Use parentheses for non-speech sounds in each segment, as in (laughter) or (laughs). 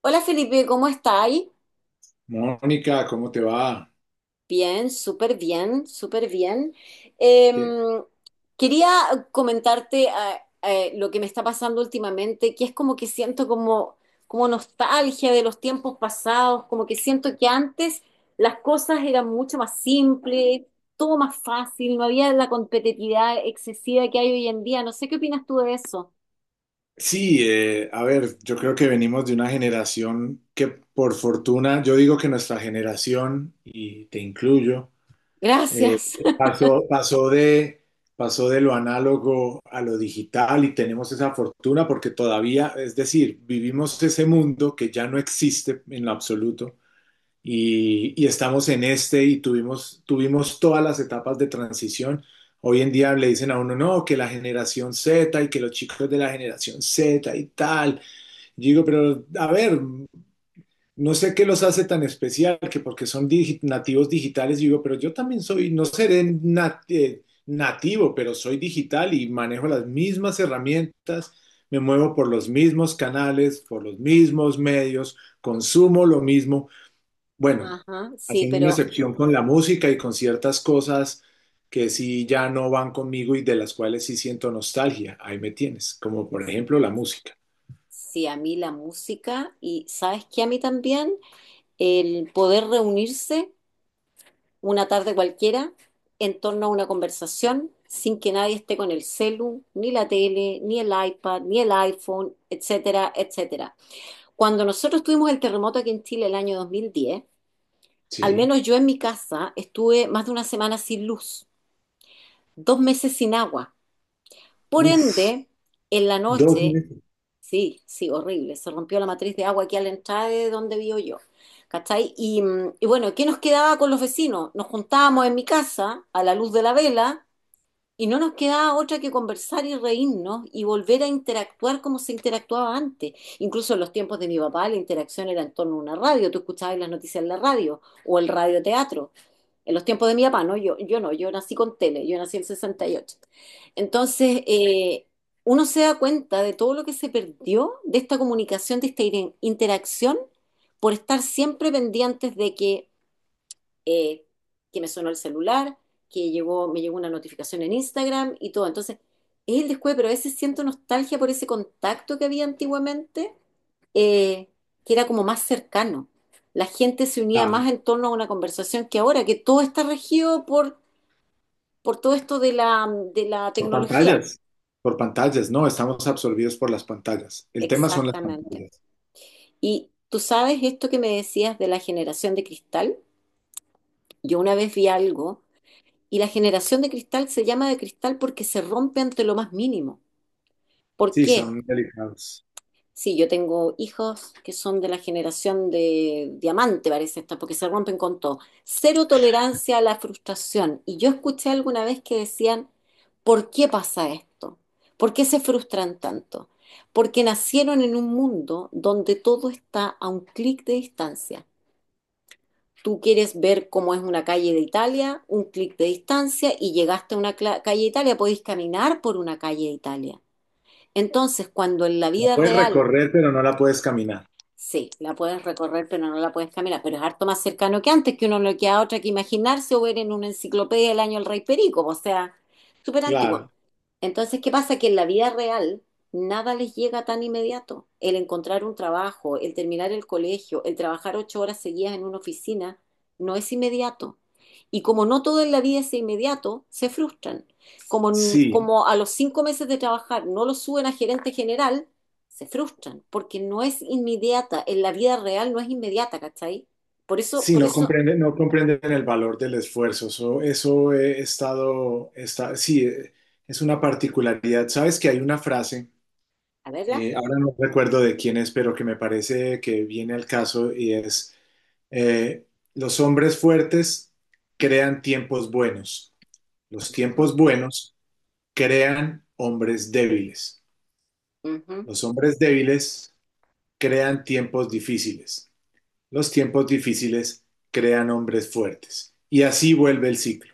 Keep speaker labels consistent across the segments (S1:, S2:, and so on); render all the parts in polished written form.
S1: Hola Felipe, ¿cómo estáis?
S2: Mónica, ¿cómo te va?
S1: Bien, súper bien, súper bien. Eh,
S2: ¿Qué-
S1: quería comentarte lo que me está pasando últimamente, que es como que siento como nostalgia de los tiempos pasados, como que siento que antes las cosas eran mucho más simples, todo más fácil, no había la competitividad excesiva que hay hoy en día. No sé qué opinas tú de eso.
S2: Sí, a ver, yo creo que venimos de una generación que por fortuna, yo digo que nuestra generación, y te incluyo, eh,
S1: Gracias. (laughs)
S2: pasó, pasó de, pasó de lo análogo a lo digital y tenemos esa fortuna porque todavía, es decir, vivimos ese mundo que ya no existe en lo absoluto y estamos en este y tuvimos todas las etapas de transición. Hoy en día le dicen a uno, no, que la generación Z y que los chicos de la generación Z y tal. Yo digo, pero a ver, no sé qué los hace tan especial, que porque son nativos digitales, yo digo, pero yo también soy, no seré nativo, pero soy digital y manejo las mismas herramientas, me muevo por los mismos canales, por los mismos medios, consumo lo mismo. Bueno,
S1: Ajá, sí,
S2: hacen una
S1: pero
S2: excepción con la música y con ciertas cosas que sí ya no van conmigo y de las cuales sí siento nostalgia. Ahí me tienes, como por ejemplo la música.
S1: sí, a mí la música. Y ¿sabes qué? A mí también. El poder reunirse una tarde cualquiera en torno a una conversación sin que nadie esté con el celu, ni la tele, ni el iPad, ni el iPhone, etcétera, etcétera. Cuando nosotros tuvimos el terremoto aquí en Chile el año 2010, al
S2: Sí.
S1: menos yo en mi casa estuve más de una semana sin luz, 2 meses sin agua. Por
S2: Uf,
S1: ende, en la
S2: dos
S1: noche.
S2: meses.
S1: Sí, sí, horrible. Se rompió la matriz de agua aquí a la entrada de donde vivo yo. ¿Cachai? Y bueno, ¿qué nos quedaba con los vecinos? Nos juntábamos en mi casa a la luz de la vela y no nos quedaba otra que conversar y reírnos y volver a interactuar como se interactuaba antes. Incluso en los tiempos de mi papá la interacción era en torno a una radio. Tú escuchabas las noticias en la radio o el radioteatro. En los tiempos de mi papá, ¿no? Yo no, yo nací con tele, yo nací en el 68. Entonces, uno se da cuenta de todo lo que se perdió de esta comunicación, de esta interacción, por estar siempre pendientes de eh, que me sonó el celular, que llegó, me llegó una notificación en Instagram y todo. Entonces, es el descuido, pero a veces siento nostalgia por ese contacto que había antiguamente, eh, que era como más cercano. La gente se unía
S2: Ah,
S1: más en torno a una conversación que ahora, que todo está regido por todo esto de la
S2: por
S1: tecnología.
S2: pantallas. Por pantallas, no, estamos absorbidos por las pantallas. El tema son las
S1: Exactamente.
S2: pantallas.
S1: Y tú sabes esto que me decías de la generación de cristal. Yo una vez vi algo y la generación de cristal se llama de cristal porque se rompe ante lo más mínimo. ¿Por
S2: Sí,
S1: qué?
S2: son delicados.
S1: Sí, yo tengo hijos que son de la generación de diamante, parece esta, porque se rompen con todo. Cero tolerancia a la frustración. Y yo escuché alguna vez que decían, ¿por qué pasa esto? ¿Por qué se frustran tanto? Porque nacieron en un mundo donde todo está a un clic de distancia. Tú quieres ver cómo es una calle de Italia, un clic de distancia, y llegaste a una calle de Italia, podéis caminar por una calle de Italia. Entonces, cuando en la
S2: La
S1: vida
S2: puedes
S1: real.
S2: recorrer, pero no la puedes caminar.
S1: Sí, la puedes recorrer, pero no la puedes caminar. Pero es harto más cercano que antes, que uno no queda otra que imaginarse o ver en una enciclopedia del año El Rey Perico, o sea, súper antiguo.
S2: Claro,
S1: Entonces, ¿qué pasa? Que en la vida real nada les llega tan inmediato. El encontrar un trabajo, el terminar el colegio, el trabajar 8 horas seguidas en una oficina, no es inmediato. Y como no todo en la vida es inmediato, se frustran. Como,
S2: sí.
S1: como a los 5 meses de trabajar no lo suben a gerente general, se frustran, porque no es inmediata, en la vida real no es inmediata, ¿cachai?
S2: Sí,
S1: Por
S2: no
S1: eso,
S2: comprenden, no comprenden el valor del esfuerzo. Eso he estado, está, sí, es una particularidad. Sabes que hay una frase,
S1: a verla.
S2: ahora no recuerdo de quién es, pero que me parece que viene al caso y es, eh, los hombres fuertes crean tiempos buenos. Los
S1: Ujú,
S2: tiempos buenos crean hombres débiles.
S1: ujú.
S2: Los hombres débiles crean tiempos difíciles. Los tiempos difíciles crean hombres fuertes. Y así vuelve el ciclo.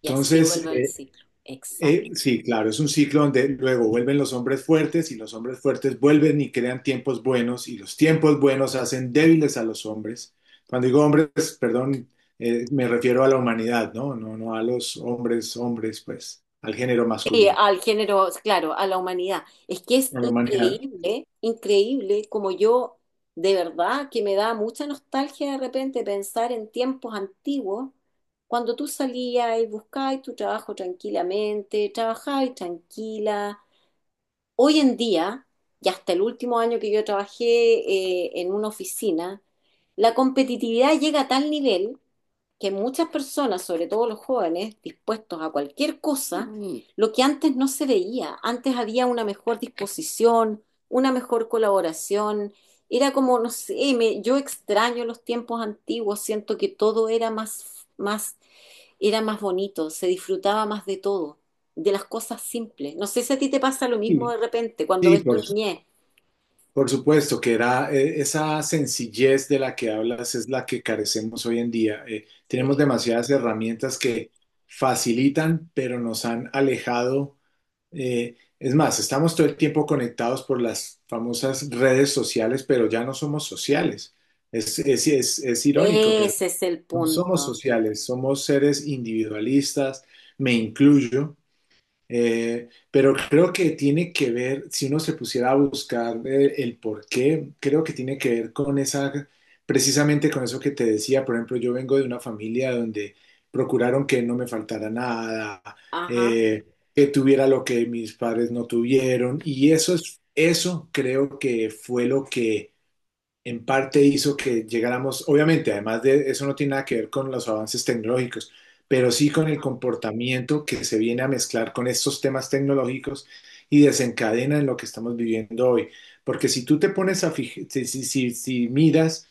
S1: Y así vuelve el ciclo. Exacto.
S2: sí, claro, es un ciclo donde luego vuelven los hombres fuertes y los hombres fuertes vuelven y crean tiempos buenos y los tiempos buenos hacen débiles a los hombres. Cuando digo hombres, perdón, me refiero a la humanidad, ¿no? No, no a los hombres, hombres, pues, al género
S1: Sí,
S2: masculino,
S1: al género, claro, a la humanidad. Es que es
S2: a la humanidad.
S1: increíble, increíble como yo, de verdad, que me da mucha nostalgia de repente pensar en tiempos antiguos, cuando tú salías y buscabas tu trabajo tranquilamente, trabajabas tranquila. Hoy en día, y hasta el último año que yo trabajé, en una oficina, la competitividad llega a tal nivel que muchas personas, sobre todo los jóvenes, dispuestos a cualquier cosa. Mm. Lo que antes no se veía. Antes había una mejor disposición, una mejor colaboración. Era como, no sé, yo extraño los tiempos antiguos, siento que todo era más, más era más bonito, se disfrutaba más de todo, de las cosas simples. No sé si a ti te pasa lo mismo
S2: Sí,
S1: de repente cuando
S2: sí,
S1: ves tu
S2: por
S1: niñez.
S2: Por supuesto que era esa sencillez de la que hablas es la que carecemos hoy en día. Tenemos
S1: Sí.
S2: demasiadas herramientas que facilitan, pero nos han alejado. Es más, estamos todo el tiempo conectados por las famosas redes sociales, pero ya no somos sociales. Es irónico, pero
S1: Ese es el
S2: no somos
S1: punto.
S2: sociales, somos seres individualistas, me incluyo. Pero creo que tiene que ver, si uno se pusiera a buscar por qué, creo que tiene que ver con esa, precisamente con eso que te decía. Por ejemplo, yo vengo de una familia donde procuraron que no me faltara nada,
S1: Ajá.
S2: eh, que tuviera lo que mis padres no tuvieron. Y eso es, eso creo que fue lo que en parte hizo que llegáramos, obviamente, además de eso no tiene nada que ver con los avances tecnológicos, pero sí con el comportamiento que se viene a mezclar con estos temas tecnológicos y desencadena en lo que estamos viviendo hoy. Porque si tú te pones a fijar, si miras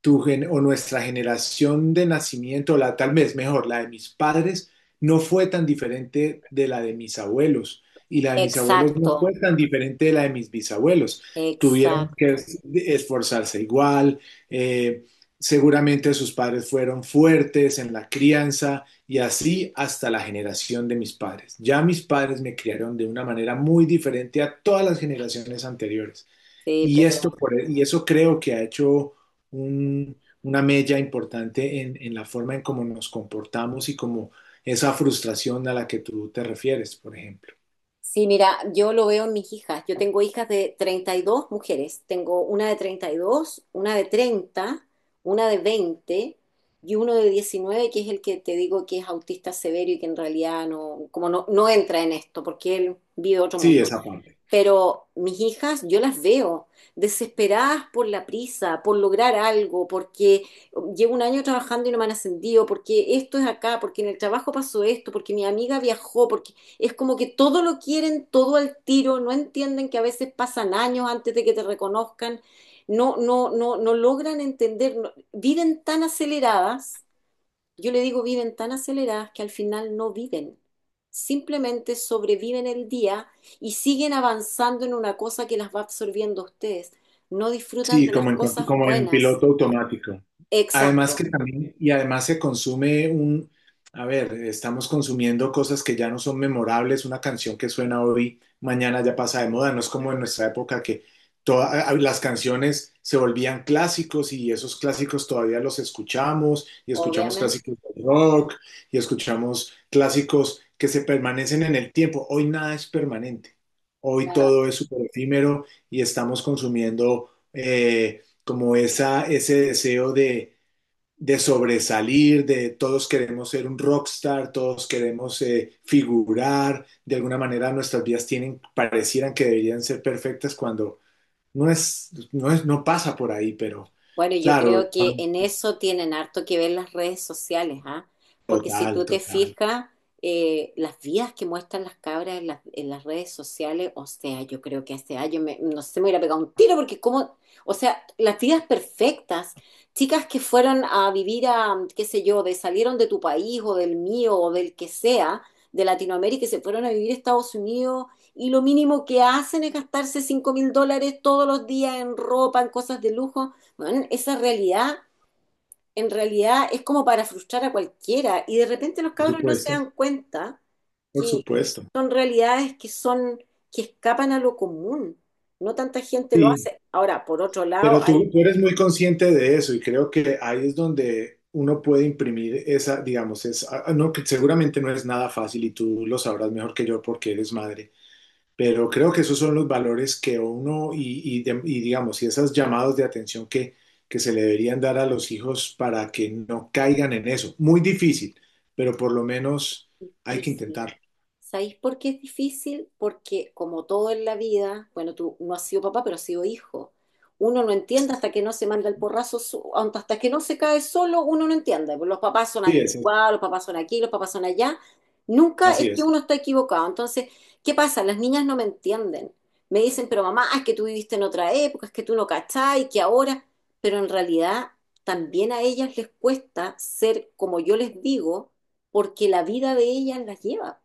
S2: o nuestra generación de nacimiento, la tal vez mejor, la de mis padres, no fue tan diferente de la de mis abuelos y la de mis abuelos no
S1: Exacto,
S2: fue tan diferente de la de mis bisabuelos. Tuvieron que
S1: exacto.
S2: esforzarse igual, eh, seguramente sus padres fueron fuertes en la crianza y así hasta la generación de mis padres. Ya mis padres me criaron de una manera muy diferente a todas las generaciones anteriores.
S1: Sí, pero
S2: Y eso creo que ha hecho un- una mella importante en la forma en cómo nos comportamos y como esa frustración a la que tú te refieres, por ejemplo.
S1: sí, mira, yo lo veo en mis hijas. Yo tengo hijas de 32 mujeres. Tengo una de 32, una de 30, una de 20 y uno de 19 que es el que te digo que es autista severo y que en realidad no, como no, no entra en esto, porque él vive otro
S2: Sí,
S1: mundo.
S2: esa parte.
S1: Pero mis hijas, yo las veo desesperadas por la prisa, por lograr algo, porque llevo un año trabajando y no me han ascendido, porque esto es acá, porque en el trabajo pasó esto, porque mi amiga viajó, porque es como que todo lo quieren, todo al tiro, no entienden que a veces pasan años antes de que te reconozcan, no, no, no, no logran entender, viven tan aceleradas, yo le digo, viven tan aceleradas que al final no viven. Simplemente sobreviven el día y siguen avanzando en una cosa que las va absorbiendo a ustedes. No disfrutan
S2: Sí,
S1: de las
S2: como en,
S1: cosas
S2: como en
S1: buenas.
S2: piloto automático.
S1: Exacto,
S2: Además que también, y además se consume un, a ver, estamos consumiendo cosas que ya no son memorables, una canción que suena hoy, mañana ya pasa de moda, no es como en nuestra época que todas las canciones se volvían clásicos y esos clásicos todavía los escuchamos y escuchamos
S1: obviamente.
S2: clásicos de rock y escuchamos clásicos que se permanecen en el tiempo. Hoy nada es permanente, hoy
S1: Nada.
S2: todo es súper efímero y estamos consumiendo como esa, ese deseo de sobresalir, de todos queremos ser un rockstar, todos queremos figurar, de alguna manera nuestras vidas tienen, parecieran que deberían ser perfectas cuando no es, no es, no pasa por ahí, pero
S1: Bueno, yo
S2: claro,
S1: creo que en eso tienen harto que ver las redes sociales, ¿ah? Porque si
S2: total,
S1: tú te
S2: total,
S1: fijas, las vidas que muestran las cabras en las redes sociales, o sea, yo creo que hace años, me, no sé, me hubiera pegado un tiro porque como, o sea, las vidas perfectas, chicas que fueron a vivir a, qué sé yo, de salieron de tu país o del mío o del que sea, de Latinoamérica y se fueron a vivir a Estados Unidos y lo mínimo que hacen es gastarse $5.000 todos los días en ropa, en cosas de lujo. Bueno, esa realidad en realidad es como para frustrar a cualquiera y de repente los
S2: por
S1: cabros no se
S2: supuesto,
S1: dan cuenta
S2: por
S1: que
S2: supuesto.
S1: son realidades que son que escapan a lo común. No tanta gente lo
S2: Sí,
S1: hace. Ahora, por otro lado,
S2: pero
S1: hay.
S2: tú eres muy consciente de eso y creo que ahí es donde uno puede imprimir esa, digamos, es, ah, no, que seguramente no es nada fácil y tú lo sabrás mejor que yo porque eres madre. Pero creo que esos son los valores que uno y digamos, y esos llamados de atención que se le deberían dar a los hijos para que no caigan en eso. Muy difícil, pero por lo menos hay que intentarlo.
S1: ¿Sabéis por qué es difícil? Porque como todo en la vida, bueno, tú no has sido papá, pero has sido hijo. Uno no entiende hasta que no se manda el porrazo, hasta que no se cae solo, uno no entiende. Pues los papás son
S2: Sí, es,
S1: anticuados, los papás son aquí, los papás son allá. Nunca es
S2: así
S1: que
S2: es.
S1: uno está equivocado. Entonces, ¿qué pasa? Las niñas no me entienden. Me dicen, pero mamá, es que tú viviste en otra época, es que tú no cachai, que ahora. Pero en realidad también a ellas les cuesta ser como yo les digo, porque la vida de ellas las lleva,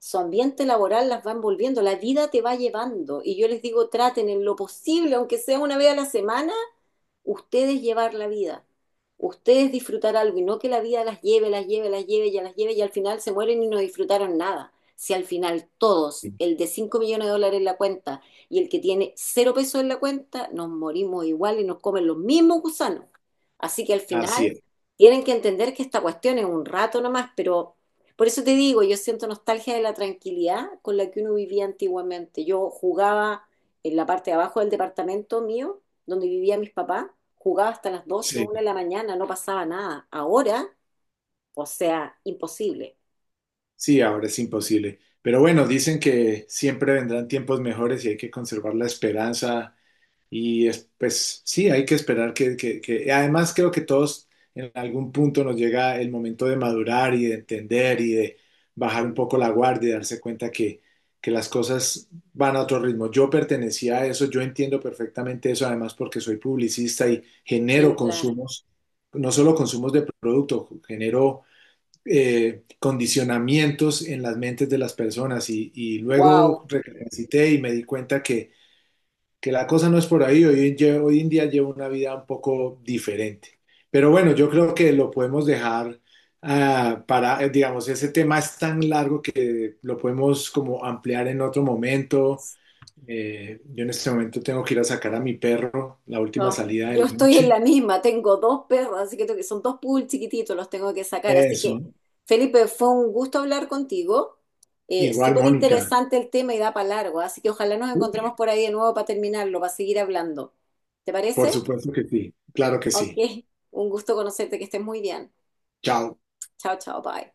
S1: su ambiente laboral las va envolviendo, la vida te va llevando. Y yo les digo, traten en lo posible, aunque sea una vez a la semana, ustedes llevar la vida, ustedes disfrutar algo y no que la vida las lleve, las lleve, las lleve, ya las lleve y al final se mueren y no disfrutaron nada. Si al final todos, el de $5.000.000 en la cuenta y el que tiene 0 pesos en la cuenta, nos morimos igual y nos comen los mismos gusanos. Así que al final
S2: Así es.
S1: tienen que entender que esta cuestión es un rato nomás, pero por eso te digo, yo siento nostalgia de la tranquilidad con la que uno vivía antiguamente. Yo jugaba en la parte de abajo del departamento mío, donde vivía mis papás, jugaba hasta las doce,
S2: Sí,
S1: una de la mañana, no pasaba nada. Ahora, o sea, imposible.
S2: sí, ahora es imposible. Pero bueno, dicen que siempre vendrán tiempos mejores y hay que conservar la esperanza. Pues sí, hay que esperar que, además, creo que todos en algún punto nos llega el momento de madurar y de entender y de bajar un
S1: Mm.
S2: poco la guardia y darse cuenta que las cosas van a otro ritmo. Yo pertenecía a eso, yo entiendo perfectamente eso, además porque soy publicista y genero
S1: Sí, claro.
S2: consumos, no solo consumos de producto, genero condicionamientos en las mentes de las personas y luego
S1: Wow.
S2: recapacité y me di cuenta que la cosa no es por ahí. Hoy, hoy en día llevo una vida un poco diferente. Pero bueno, yo creo que lo podemos dejar digamos, ese tema es tan largo que lo podemos como ampliar en otro momento. Yo en este momento tengo que ir a sacar a mi perro, la última
S1: Oh,
S2: salida
S1: yo
S2: de la
S1: estoy en
S2: noche.
S1: la misma, tengo dos perros, así que tengo que. Son dos poodles chiquititos, los tengo que sacar. Así que,
S2: Eso.
S1: Felipe, fue un gusto hablar contigo. Eh,
S2: Igual,
S1: súper
S2: Mónica.
S1: interesante el tema y da para largo, así que ojalá nos encontremos por ahí de nuevo para terminarlo, para seguir hablando. ¿Te
S2: Por
S1: parece?
S2: supuesto que sí. Claro que
S1: Ok,
S2: sí.
S1: un gusto conocerte, que estés muy bien.
S2: Chao.
S1: Chao, chao, bye.